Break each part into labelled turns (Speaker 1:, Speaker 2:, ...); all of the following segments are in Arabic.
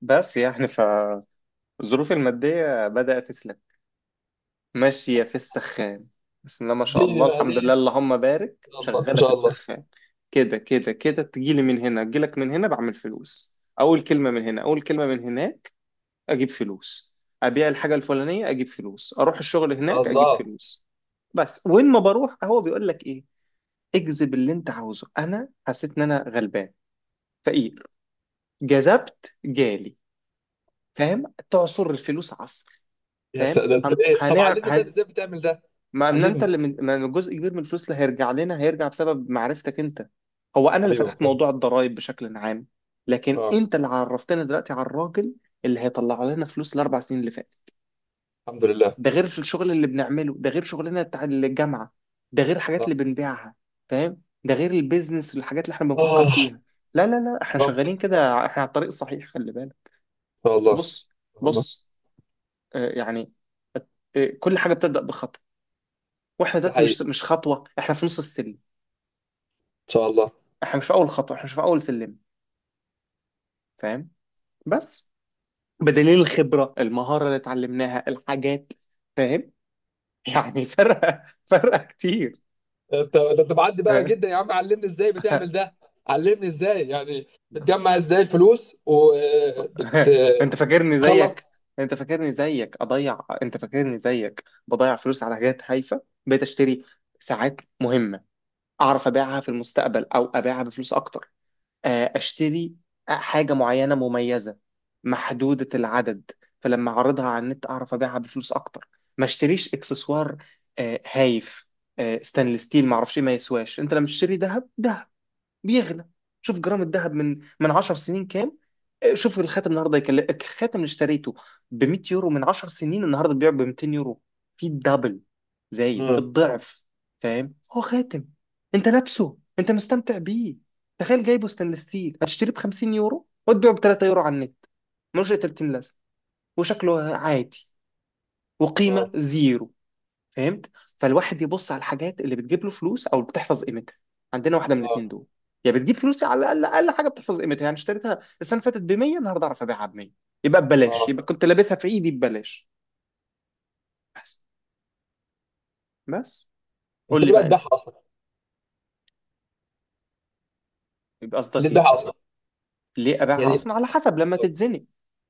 Speaker 1: بس يعني فالظروف المادية بدأت تسلك. ماشية في السخان. بسم الله ما شاء
Speaker 2: ليه
Speaker 1: الله،
Speaker 2: بقى
Speaker 1: الحمد لله،
Speaker 2: ليه.
Speaker 1: اللهم بارك،
Speaker 2: الله ما
Speaker 1: شغالة في
Speaker 2: شاء الله.
Speaker 1: السخان. كده كده كده، تجيلي من هنا، تجيلك من هنا، بعمل فلوس، أول كلمة من هنا، أول كلمة من هناك. أجيب فلوس، أبيع الحاجة الفلانية، أجيب فلوس، أروح الشغل هناك، أجيب
Speaker 2: الله.
Speaker 1: فلوس. بس وين ما بروح هو بيقول لك إيه؟ اجذب اللي أنت عاوزه. أنا حسيت إن أنا غلبان، فقير، جذبت جالي. فاهم؟ تعصر الفلوس عصر.
Speaker 2: يا
Speaker 1: فاهم؟
Speaker 2: سلام، ده انت
Speaker 1: هن...
Speaker 2: ايه؟ طب
Speaker 1: هنعمل
Speaker 2: علمني، طيب
Speaker 1: هن...
Speaker 2: ازاي بتعمل ده؟
Speaker 1: ما إن انت
Speaker 2: علمني.
Speaker 1: اللي من... ما جزء كبير من الفلوس اللي هيرجع لنا هيرجع بسبب معرفتك انت. هو انا اللي
Speaker 2: حبيبي يا
Speaker 1: فتحت
Speaker 2: محمود.
Speaker 1: موضوع الضرائب بشكل عام، لكن
Speaker 2: اه.
Speaker 1: انت اللي عرفتنا دلوقتي على الراجل اللي هيطلع لنا فلوس الاربع سنين اللي فاتت.
Speaker 2: الحمد لله.
Speaker 1: ده غير في الشغل اللي بنعمله، ده غير شغلنا بتاع الجامعه، ده غير الحاجات
Speaker 2: اه.
Speaker 1: اللي بنبيعها. فاهم؟ ده غير البيزنس والحاجات اللي احنا بنفكر
Speaker 2: آه.
Speaker 1: فيها. لا لا لا، احنا
Speaker 2: يا رب ان
Speaker 1: شغالين كده، احنا على الطريق الصحيح، خلي بالك.
Speaker 2: شاء الله. ان
Speaker 1: بص.
Speaker 2: شاء الله.
Speaker 1: بص. يعني كل حاجه بتبدا بخطوه. واحنا
Speaker 2: ده
Speaker 1: دلوقتي
Speaker 2: حقيقي.
Speaker 1: مش خطوه، احنا في نص السلم.
Speaker 2: ان شاء الله.
Speaker 1: احنا مش في اول خطوه، احنا مش في اول سلم. فاهم؟ بس بدليل الخبره، المهاره اللي اتعلمناها، الحاجات. فاهم؟ يعني فرقه فرقه كتير.
Speaker 2: انت ده انت معدي بقى
Speaker 1: فاهم؟
Speaker 2: جدا يا عم، علمني ازاي بتعمل ده. علمني ازاي يعني. بتجمع ازاي الفلوس وبتخلص؟
Speaker 1: انت فاكرني زيك، انت فاكرني زيك اضيع، انت فاكرني زيك بضيع فلوس على حاجات هايفه. بقيت اشتري ساعات مهمه، اعرف ابيعها في المستقبل او ابيعها بفلوس اكتر. اشتري حاجه معينه مميزه، محدوده العدد، فلما اعرضها على النت اعرف ابيعها بفلوس اكتر. ما اشتريش اكسسوار هايف. ستانلس ستيل ما اعرفش إيه، ما يسواش. انت لما تشتري ذهب ده بيغلى. شوف جرام الذهب من 10 سنين كام؟ شوف الخاتم النهارده يكلف. الخاتم اللي اشتريته ب 100 يورو من 10 سنين، النهارده بيبيع ب 200 يورو، في الدبل، زايد
Speaker 2: امم.
Speaker 1: الضعف. فاهم؟ هو خاتم انت لابسه انت مستمتع بيه. تخيل جايبه ستانلس ستيل هتشتريه ب 50 يورو وتبيعه ب 3 يورو على النت، ملوش اي 30 لازمه، وشكله عادي،
Speaker 2: اه.
Speaker 1: وقيمه زيرو. فهمت؟ فالواحد يبص على الحاجات اللي بتجيب له فلوس او بتحفظ قيمتها. عندنا واحده من
Speaker 2: اه.
Speaker 1: الاثنين دول، يا بتجيب فلوس، على الاقل اقل حاجه بتحفظ قيمتها. يعني اشتريتها السنه اللي فاتت ب 100، النهارده اعرف ابيعها ب 100، يبقى ببلاش،
Speaker 2: اه.
Speaker 1: يبقى كنت لابسها في ايدي ببلاش. بس. بس.
Speaker 2: انت
Speaker 1: قول لي
Speaker 2: ليه بقى
Speaker 1: بقى انت.
Speaker 2: تبيعها اصلا؟
Speaker 1: يبقى
Speaker 2: ليه
Speaker 1: قصدك
Speaker 2: تبيعها
Speaker 1: ايه؟
Speaker 2: اصلا؟
Speaker 1: ليه ابيعها
Speaker 2: يعني.
Speaker 1: اصلا؟ على حسب لما تتزنق.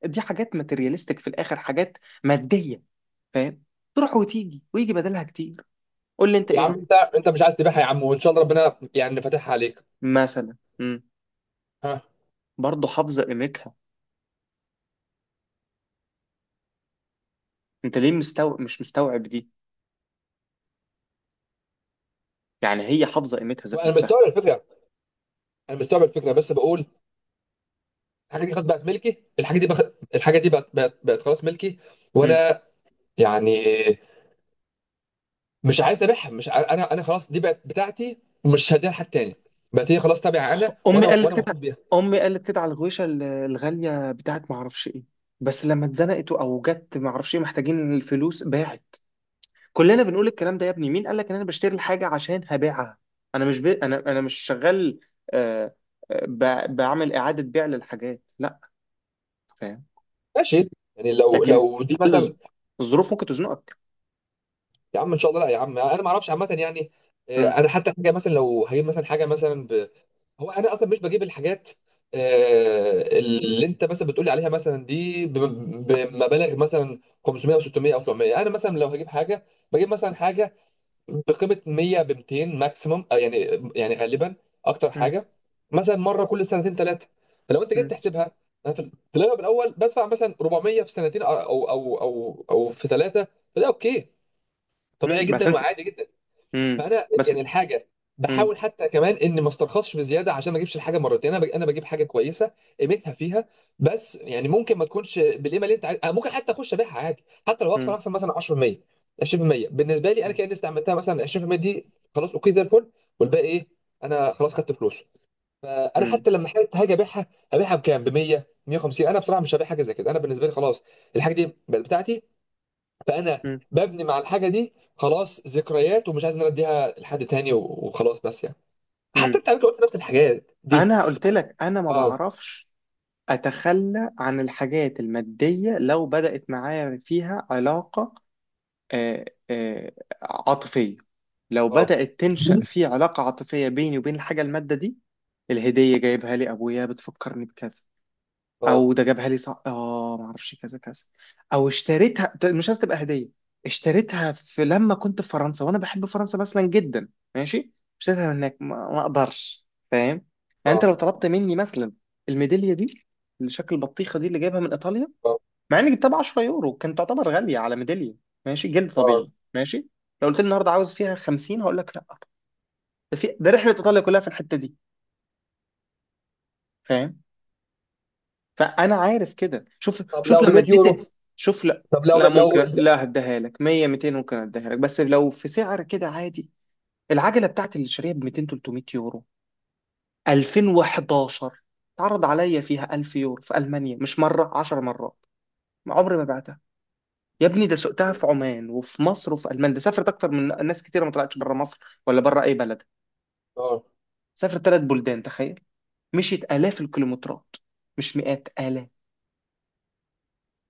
Speaker 1: دي حاجات ماتيرياليستيك في الاخر، حاجات ماديه. فاهم؟ تروح وتيجي ويجي بدلها كتير. قول لي انت
Speaker 2: يا
Speaker 1: ايه
Speaker 2: عم انت
Speaker 1: رايك.
Speaker 2: مش عايز تبيعها يا عم، وان شاء الله ربنا يعني فاتحها عليك.
Speaker 1: مثلا
Speaker 2: ها.
Speaker 1: برضه حافظه قيمتها. انت ليه مستوعب مش مستوعب دي؟ يعني هي حافظه قيمتها ذات
Speaker 2: وانا
Speaker 1: نفسها.
Speaker 2: مستوعب الفكره، انا مستوعب الفكره، بس بقول: الحاجه دي خلاص بقت ملكي، الحاجه دي الحاجه دي بقت خلاص ملكي.
Speaker 1: مم.
Speaker 2: وانا يعني مش عايز ابيعها، مش انا خلاص دي بقت بتاعتي. ومش هديها لحد تاني. بقت هي خلاص تابعه انا،
Speaker 1: امي
Speaker 2: وانا
Speaker 1: قالت
Speaker 2: وانا
Speaker 1: كده،
Speaker 2: مبسوط بيها.
Speaker 1: امي قالت كده على الغويشه الغاليه بتاعت ما اعرفش ايه، بس لما اتزنقت او جت ما اعرفش ايه محتاجين الفلوس باعت. كلنا بنقول الكلام ده. يا ابني مين قال لك ان انا بشتري الحاجه عشان هبيعها؟ انا مش شغال. آه... بعمل اعاده بيع للحاجات؟ لا. فاهم؟
Speaker 2: ماشي. يعني لو
Speaker 1: لكن
Speaker 2: لو دي مثلا.
Speaker 1: ال- الظروف ممكن تزنقك.
Speaker 2: يا عم ان شاء الله، لا يا عم، انا ما اعرفش عامه يعني.
Speaker 1: مم.
Speaker 2: انا حتى حاجه مثلا لو هجيب مثلا حاجه مثلا، هو انا اصلا مش بجيب الحاجات. اللي انت مثلا بتقولي عليها مثلا دي بمبالغ مثلا 500 او 600 او 700. انا مثلا لو هجيب حاجه بجيب مثلا حاجه بقيمه 100 ب 200 ماكسيمم، يعني. يعني غالبا اكتر
Speaker 1: مم.
Speaker 2: حاجه مثلا مره كل سنتين ثلاثه. فلو انت جيت
Speaker 1: مم.
Speaker 2: تحسبها، انا في الاغلب الاول بدفع مثلا 400 في سنتين أو في ثلاثه. فده اوكي،
Speaker 1: مم.
Speaker 2: طبيعي
Speaker 1: بس
Speaker 2: جدا
Speaker 1: انت.
Speaker 2: وعادي جدا.
Speaker 1: مم.
Speaker 2: فانا
Speaker 1: بس.
Speaker 2: يعني الحاجه
Speaker 1: مم.
Speaker 2: بحاول حتى كمان اني ما استرخصش بزياده عشان ما اجيبش الحاجه مرتين، انا انا بجيب حاجه كويسه قيمتها فيها. بس يعني ممكن ما تكونش بالقيمه اللي انت عايز. أنا ممكن حتى اخش ابيعها عادي، حتى لو اخسر
Speaker 1: مم.
Speaker 2: مثلا 10% 20%. بالنسبه لي انا كاني استعملتها مثلا 20% دي، خلاص اوكي زي الفل. والباقي ايه؟ انا خلاص خدت فلوسه. فانا
Speaker 1: مم.
Speaker 2: حتى لما حاجه هاجي ابيعها، هبيعها بكام؟ ب 100، 150؟ انا بصراحه مش هبيع حاجه زي كده، انا بالنسبه لي خلاص الحاجه دي بقت بتاعتي. فانا
Speaker 1: مم.
Speaker 2: ببني مع الحاجه دي خلاص ذكريات، ومش عايز ان انا اديها لحد تاني وخلاص، بس يعني. حتى
Speaker 1: مم.
Speaker 2: انت على فكره قلت نفس الحاجات دي.
Speaker 1: انا قلت لك انا ما
Speaker 2: اه.
Speaker 1: بعرفش اتخلى عن الحاجات الماديه لو بدات معايا فيها علاقه آه، آه، عاطفيه. لو
Speaker 2: اه.
Speaker 1: بدات تنشا في علاقه عاطفيه بيني وبين الحاجه الماده دي. الهديه جايبها لي ابويا بتفكرني بكذا،
Speaker 2: اه.
Speaker 1: او ده جابها لي صح اه ما اعرفش كذا كذا، او اشتريتها ده مش عايز تبقى هديه. اشتريتها في لما كنت في فرنسا وانا بحب فرنسا مثلا جدا. ماشي. اشتريتها من هناك ما اقدرش. فاهم؟ يعني انت
Speaker 2: اه.
Speaker 1: لو طلبت مني مثلا الميداليه دي اللي شكل البطيخه دي اللي جايبها من ايطاليا،
Speaker 2: اه.
Speaker 1: مع اني جبتها ب 10 يورو كانت تعتبر غاليه على ميداليه، ماشي، جلد
Speaker 2: اه.
Speaker 1: طبيعي ماشي. لو قلت لي النهارده عاوز فيها 50 هقول لك لا. ده في ده رحله ايطاليا كلها في الحته دي. فاهم؟ فانا عارف كده. شوف،
Speaker 2: طب
Speaker 1: شوف
Speaker 2: لو ب
Speaker 1: لما
Speaker 2: 100
Speaker 1: اديت،
Speaker 2: يورو؟
Speaker 1: شوف. لا.
Speaker 2: طب لو ب...
Speaker 1: لا ممكن،
Speaker 2: لو
Speaker 1: لا هديها لك 100 200 ممكن اديها لك بس لو في سعر كده عادي. العجله بتاعتي اللي شاريها ب 200 300 يورو 2011، اتعرض عليا فيها 1000 يورو في المانيا، مش مره 10 مرات، ما عمري ما بعتها. يا ابني ده سقتها في عمان وفي مصر وفي المانيا. ده سافرت اكتر من ناس كتيره ما طلعتش بره مصر ولا بره اي بلد.
Speaker 2: اه.
Speaker 1: سافرت ثلاث بلدان، تخيل. مشيت الاف الكيلومترات، مش مئات الاف.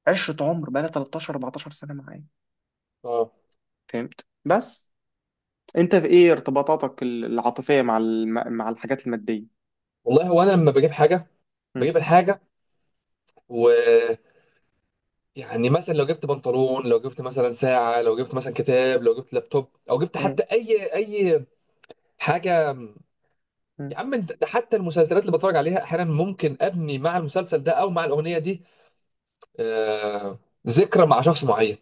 Speaker 1: عشرة، عمر بقى لها 13 14 سنه معايا.
Speaker 2: اه.
Speaker 1: فهمت؟ بس انت في ايه ارتباطاتك العاطفية مع مع الحاجات المادية؟
Speaker 2: والله، هو انا لما بجيب حاجه،
Speaker 1: م.
Speaker 2: بجيب الحاجه، ويعني مثلا لو جبت بنطلون، لو جبت مثلا ساعه، لو جبت مثلا كتاب، لو جبت لابتوب، او جبت
Speaker 1: م.
Speaker 2: حتى اي حاجه.
Speaker 1: م.
Speaker 2: يا عم انت ده، حتى المسلسلات اللي بتفرج عليها احيانا ممكن ابني مع المسلسل ده او مع الاغنيه دي. آه، ذكرى مع شخص معين.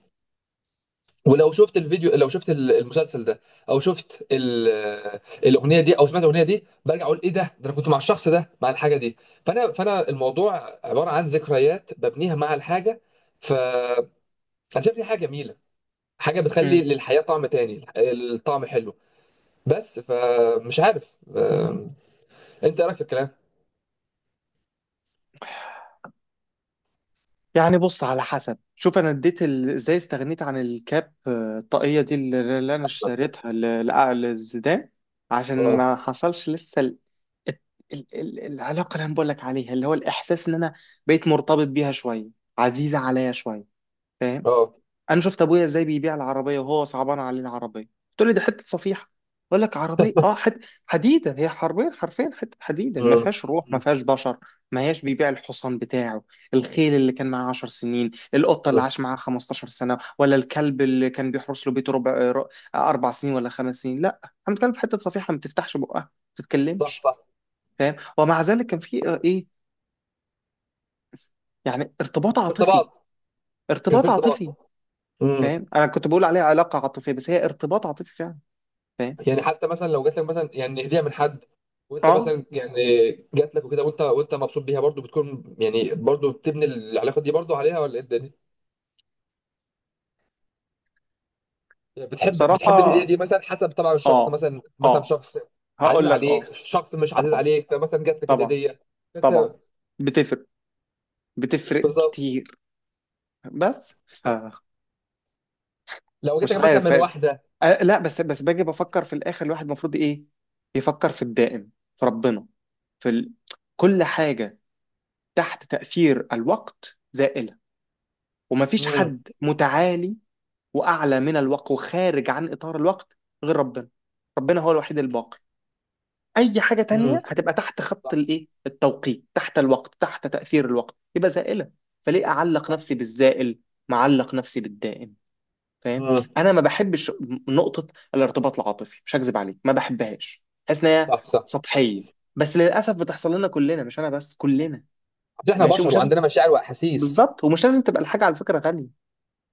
Speaker 2: ولو شفت الفيديو، لو شفت المسلسل ده، او شفت الاغنيه دي، او سمعت الاغنيه دي، برجع اقول ايه ده، انا كنت مع الشخص ده مع الحاجه دي. فانا الموضوع عباره عن ذكريات ببنيها مع الحاجه. فانا شايف دي حاجه جميله، حاجه
Speaker 1: م.
Speaker 2: بتخلي للحياه طعم تاني، الطعم حلو. بس فمش عارف، انت ايه رايك في الكلام؟
Speaker 1: يعني بص على حسب. شوف انا اديت ازاي استغنيت عن الكاب الطاقية دي اللي انا اشتريتها للزيدان، عشان
Speaker 2: اه.
Speaker 1: ما حصلش لسه ال... الت- ال... ال... العلاقة اللي انا بقول لك عليها اللي هو الاحساس ان انا بقيت مرتبط بيها شوية، عزيزة عليا شوية. فاهم؟
Speaker 2: اه.
Speaker 1: انا شفت ابويا ازاي بيبيع العربيه وهو صعبان عليه العربيه. قلت له دي حته صفيحه، بقول لك عربيه اه حته حديده. هي حرفيا حرفيا حته حديده، ما
Speaker 2: مم.
Speaker 1: فيهاش روح ما
Speaker 2: مم.
Speaker 1: فيهاش بشر. ما هياش بيبيع الحصان بتاعه، الخيل اللي كان معاه 10 سنين، القطه اللي
Speaker 2: مم.
Speaker 1: عاش معاه 15 سنه، ولا الكلب اللي كان بيحرس له بيته اربع سنين ولا خمس سنين. لا احنا بنتكلم في حته صفيحه ما بتفتحش بقها ما
Speaker 2: صح
Speaker 1: بتتكلمش.
Speaker 2: صح.
Speaker 1: فاهم؟ ومع ذلك كان في ايه، يعني ارتباط
Speaker 2: في
Speaker 1: عاطفي.
Speaker 2: ارتباط. كان في
Speaker 1: ارتباط عاطفي.
Speaker 2: ارتباط. مم.
Speaker 1: فاهم؟ انا كنت بقول عليها علاقه عاطفيه بس هي ارتباط عاطفي فعلا. فاهم؟
Speaker 2: يعني حتى مثلا لو جات لك مثلا يعني هديه من حد، وانت
Speaker 1: اه.
Speaker 2: مثلا يعني جات لك وكده، وانت مبسوط بيها برضو، بتكون يعني برضو بتبني العلاقه دي برضو عليها، ولا ايه الدنيا؟ يعني
Speaker 1: بصراحه
Speaker 2: بتحب الهديه دي مثلا، حسب طبعا الشخص،
Speaker 1: اه.
Speaker 2: مثلا
Speaker 1: اه،
Speaker 2: شخص عزيز
Speaker 1: هقول لك
Speaker 2: عليك،
Speaker 1: اه.
Speaker 2: شخص مش عزيز
Speaker 1: طبعا.
Speaker 2: عليك، فمثلا جات لك
Speaker 1: طبعا.
Speaker 2: الهديه. انت
Speaker 1: طبعا. بتفرق، بتفرق
Speaker 2: بالظبط.
Speaker 1: كتير. بس ف،
Speaker 2: لو جات
Speaker 1: مش
Speaker 2: لك مثلا
Speaker 1: عارف.
Speaker 2: من
Speaker 1: فاهم؟
Speaker 2: واحده.
Speaker 1: آه لا، بس بس باجي بفكر في الاخر، الواحد المفروض ايه، يفكر في الدائم، في ربنا، في كل حاجه تحت تاثير الوقت زائله. ومفيش
Speaker 2: امم.
Speaker 1: حد متعالي واعلى من الوقت وخارج عن اطار الوقت غير ربنا. ربنا هو الوحيد الباقي. اي حاجه
Speaker 2: امم.
Speaker 1: تانية هتبقى تحت خط
Speaker 2: صح
Speaker 1: الايه التوقيت، تحت الوقت، تحت تاثير الوقت، يبقى زائله. فليه اعلق
Speaker 2: صح.
Speaker 1: نفسي بالزائل، معلق نفسي بالدائم. فاهم؟
Speaker 2: امم.
Speaker 1: انا ما بحبش، نقطه. الارتباط العاطفي مش هكذب عليك ما بحبهاش، حاسس ان هي
Speaker 2: صح صح.
Speaker 1: سطحيه. بس للاسف بتحصل لنا كلنا، مش انا بس، كلنا.
Speaker 2: احنا
Speaker 1: ماشي
Speaker 2: بشر
Speaker 1: ومش لازم.
Speaker 2: وعندنا مشاعر واحاسيس.
Speaker 1: بالظبط، ومش لازم تبقى الحاجه على فكره غاليه.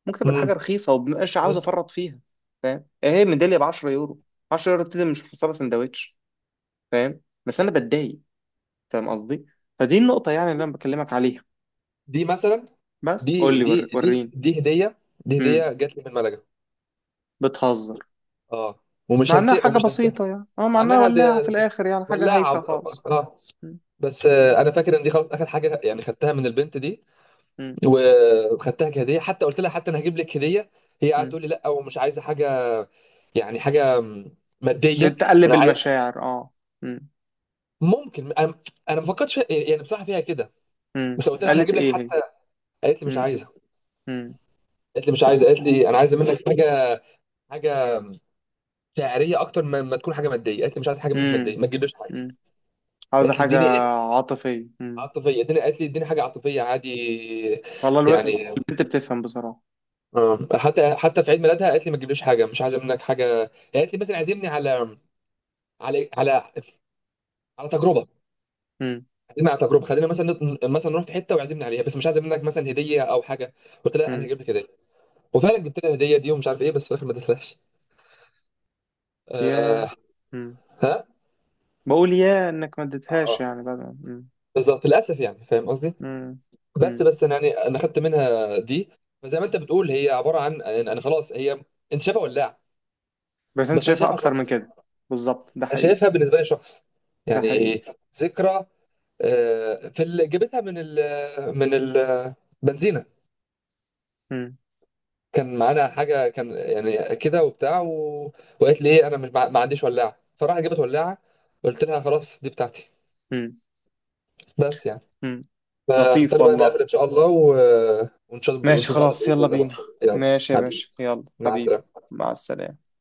Speaker 1: ممكن تبقى الحاجه رخيصه ومبقاش عاوز افرط فيها. فاهم؟ هي ميداليه ب 10 يورو، 10 يورو دي مش محسبه سندوتش. فاهم بس انا بتضايق فاهم قصدي؟ فدي النقطه يعني اللي انا بكلمك عليها.
Speaker 2: دي مثلا،
Speaker 1: بس قول لي وريني.
Speaker 2: دي هديه، دي
Speaker 1: امم.
Speaker 2: هديه جات لي من ملجا.
Speaker 1: بتهزر.
Speaker 2: اه. ومش
Speaker 1: مع انها
Speaker 2: هنسى
Speaker 1: حاجه
Speaker 2: ومش هنسى.
Speaker 1: بسيطه يعني اه، مع
Speaker 2: مع
Speaker 1: انها
Speaker 2: انها
Speaker 1: ولاعه في الاخر يعني حاجه هايفه
Speaker 2: ولاعه.
Speaker 1: خالص.
Speaker 2: اه.
Speaker 1: مم.
Speaker 2: بس
Speaker 1: مم.
Speaker 2: انا فاكر ان دي خلاص اخر حاجه يعني خدتها من البنت دي.
Speaker 1: مم.
Speaker 2: وخدتها كهديه، حتى قلت لها حتى انا هجيب لك هديه، هي قاعده
Speaker 1: مم.
Speaker 2: تقول لي لا، ومش عايزه حاجه، يعني حاجه ماديه.
Speaker 1: تقلب
Speaker 2: انا عايز،
Speaker 1: المشاعر اه. مم.
Speaker 2: ممكن انا، انا ما فكرتش فيها، يعني بصراحه فيها كده.
Speaker 1: مم.
Speaker 2: بس قلت لها انا
Speaker 1: قالت
Speaker 2: هجيب لك
Speaker 1: ايه هي؟
Speaker 2: حتى. قالت لي مش
Speaker 1: مم.
Speaker 2: عايزه.
Speaker 1: مم.
Speaker 2: قالت لي مش عايزه، قالت لي انا عايزه منك حاجه، حاجه شعريه اكتر ما تكون حاجه ماديه. قالت لي مش عايز حاجه منك ماديه،
Speaker 1: مم.
Speaker 2: ما تجيبليش حاجه.
Speaker 1: مم. عاوزه
Speaker 2: قالت لي
Speaker 1: حاجه
Speaker 2: اديني اسم.
Speaker 1: عاطفيه.
Speaker 2: عاطفيه. اديني، قالت لي اديني حاجه عاطفيه عادي
Speaker 1: والله
Speaker 2: يعني.
Speaker 1: البنت بتفهم بصراحة.
Speaker 2: آه. حتى في عيد ميلادها قالت لي ما تجيبليش حاجه، مش عايزه منك حاجه. قالت لي مثلا عزمني على على على على تجربه.
Speaker 1: امم.
Speaker 2: عزمني على تجربه، خلينا مثلا مثلا نروح في حته وعزمني عليها، بس مش عايزه منك مثلا هديه او حاجه. قلت لها انا
Speaker 1: امم.
Speaker 2: هجيب لك هديه، وفعلا جبت لها الهديه دي ومش عارف ايه، بس في الاخر ما اديتهاش. آه.
Speaker 1: يا، امم
Speaker 2: ها.
Speaker 1: بقول يا انك ما
Speaker 2: اه.
Speaker 1: اديتهاش
Speaker 2: اه.
Speaker 1: يعني بعد ما-، امم.
Speaker 2: بالظبط للاسف يعني، فاهم قصدي؟
Speaker 1: امم. امم.
Speaker 2: بس انا يعني انا خدت منها دي. فزي ما انت بتقول هي عباره عن يعني، انا خلاص هي، انت شايفها ولاعه،
Speaker 1: بس انت
Speaker 2: بس انا
Speaker 1: شايفها
Speaker 2: شايفها
Speaker 1: اكتر من
Speaker 2: شخص.
Speaker 1: كده. بالظبط ده
Speaker 2: انا
Speaker 1: حقيقي.
Speaker 2: شايفها بالنسبه لي شخص
Speaker 1: ده حقيقي.
Speaker 2: يعني، ذكرى. في اللي جابتها من ال من البنزينه،
Speaker 1: امم.
Speaker 2: كان معانا حاجه كان يعني كده وبتاع وقالت لي ايه انا مش ما عنديش ولاعه، فراحت جابت ولاعه. قلت لها خلاص دي بتاعتي
Speaker 1: امم.
Speaker 2: بس يعني.
Speaker 1: امم. لطيف
Speaker 2: فهضطر بقى
Speaker 1: والله.
Speaker 2: نقفل ان شاء الله ونشوف
Speaker 1: ماشي
Speaker 2: بعض
Speaker 1: خلاص
Speaker 2: باذن
Speaker 1: يلا
Speaker 2: الله
Speaker 1: بينا.
Speaker 2: بكره، يلا.
Speaker 1: ماشي يا
Speaker 2: حبيبي.
Speaker 1: باشا يلا
Speaker 2: مع
Speaker 1: حبيبي.
Speaker 2: السلامه.
Speaker 1: مع السلامة.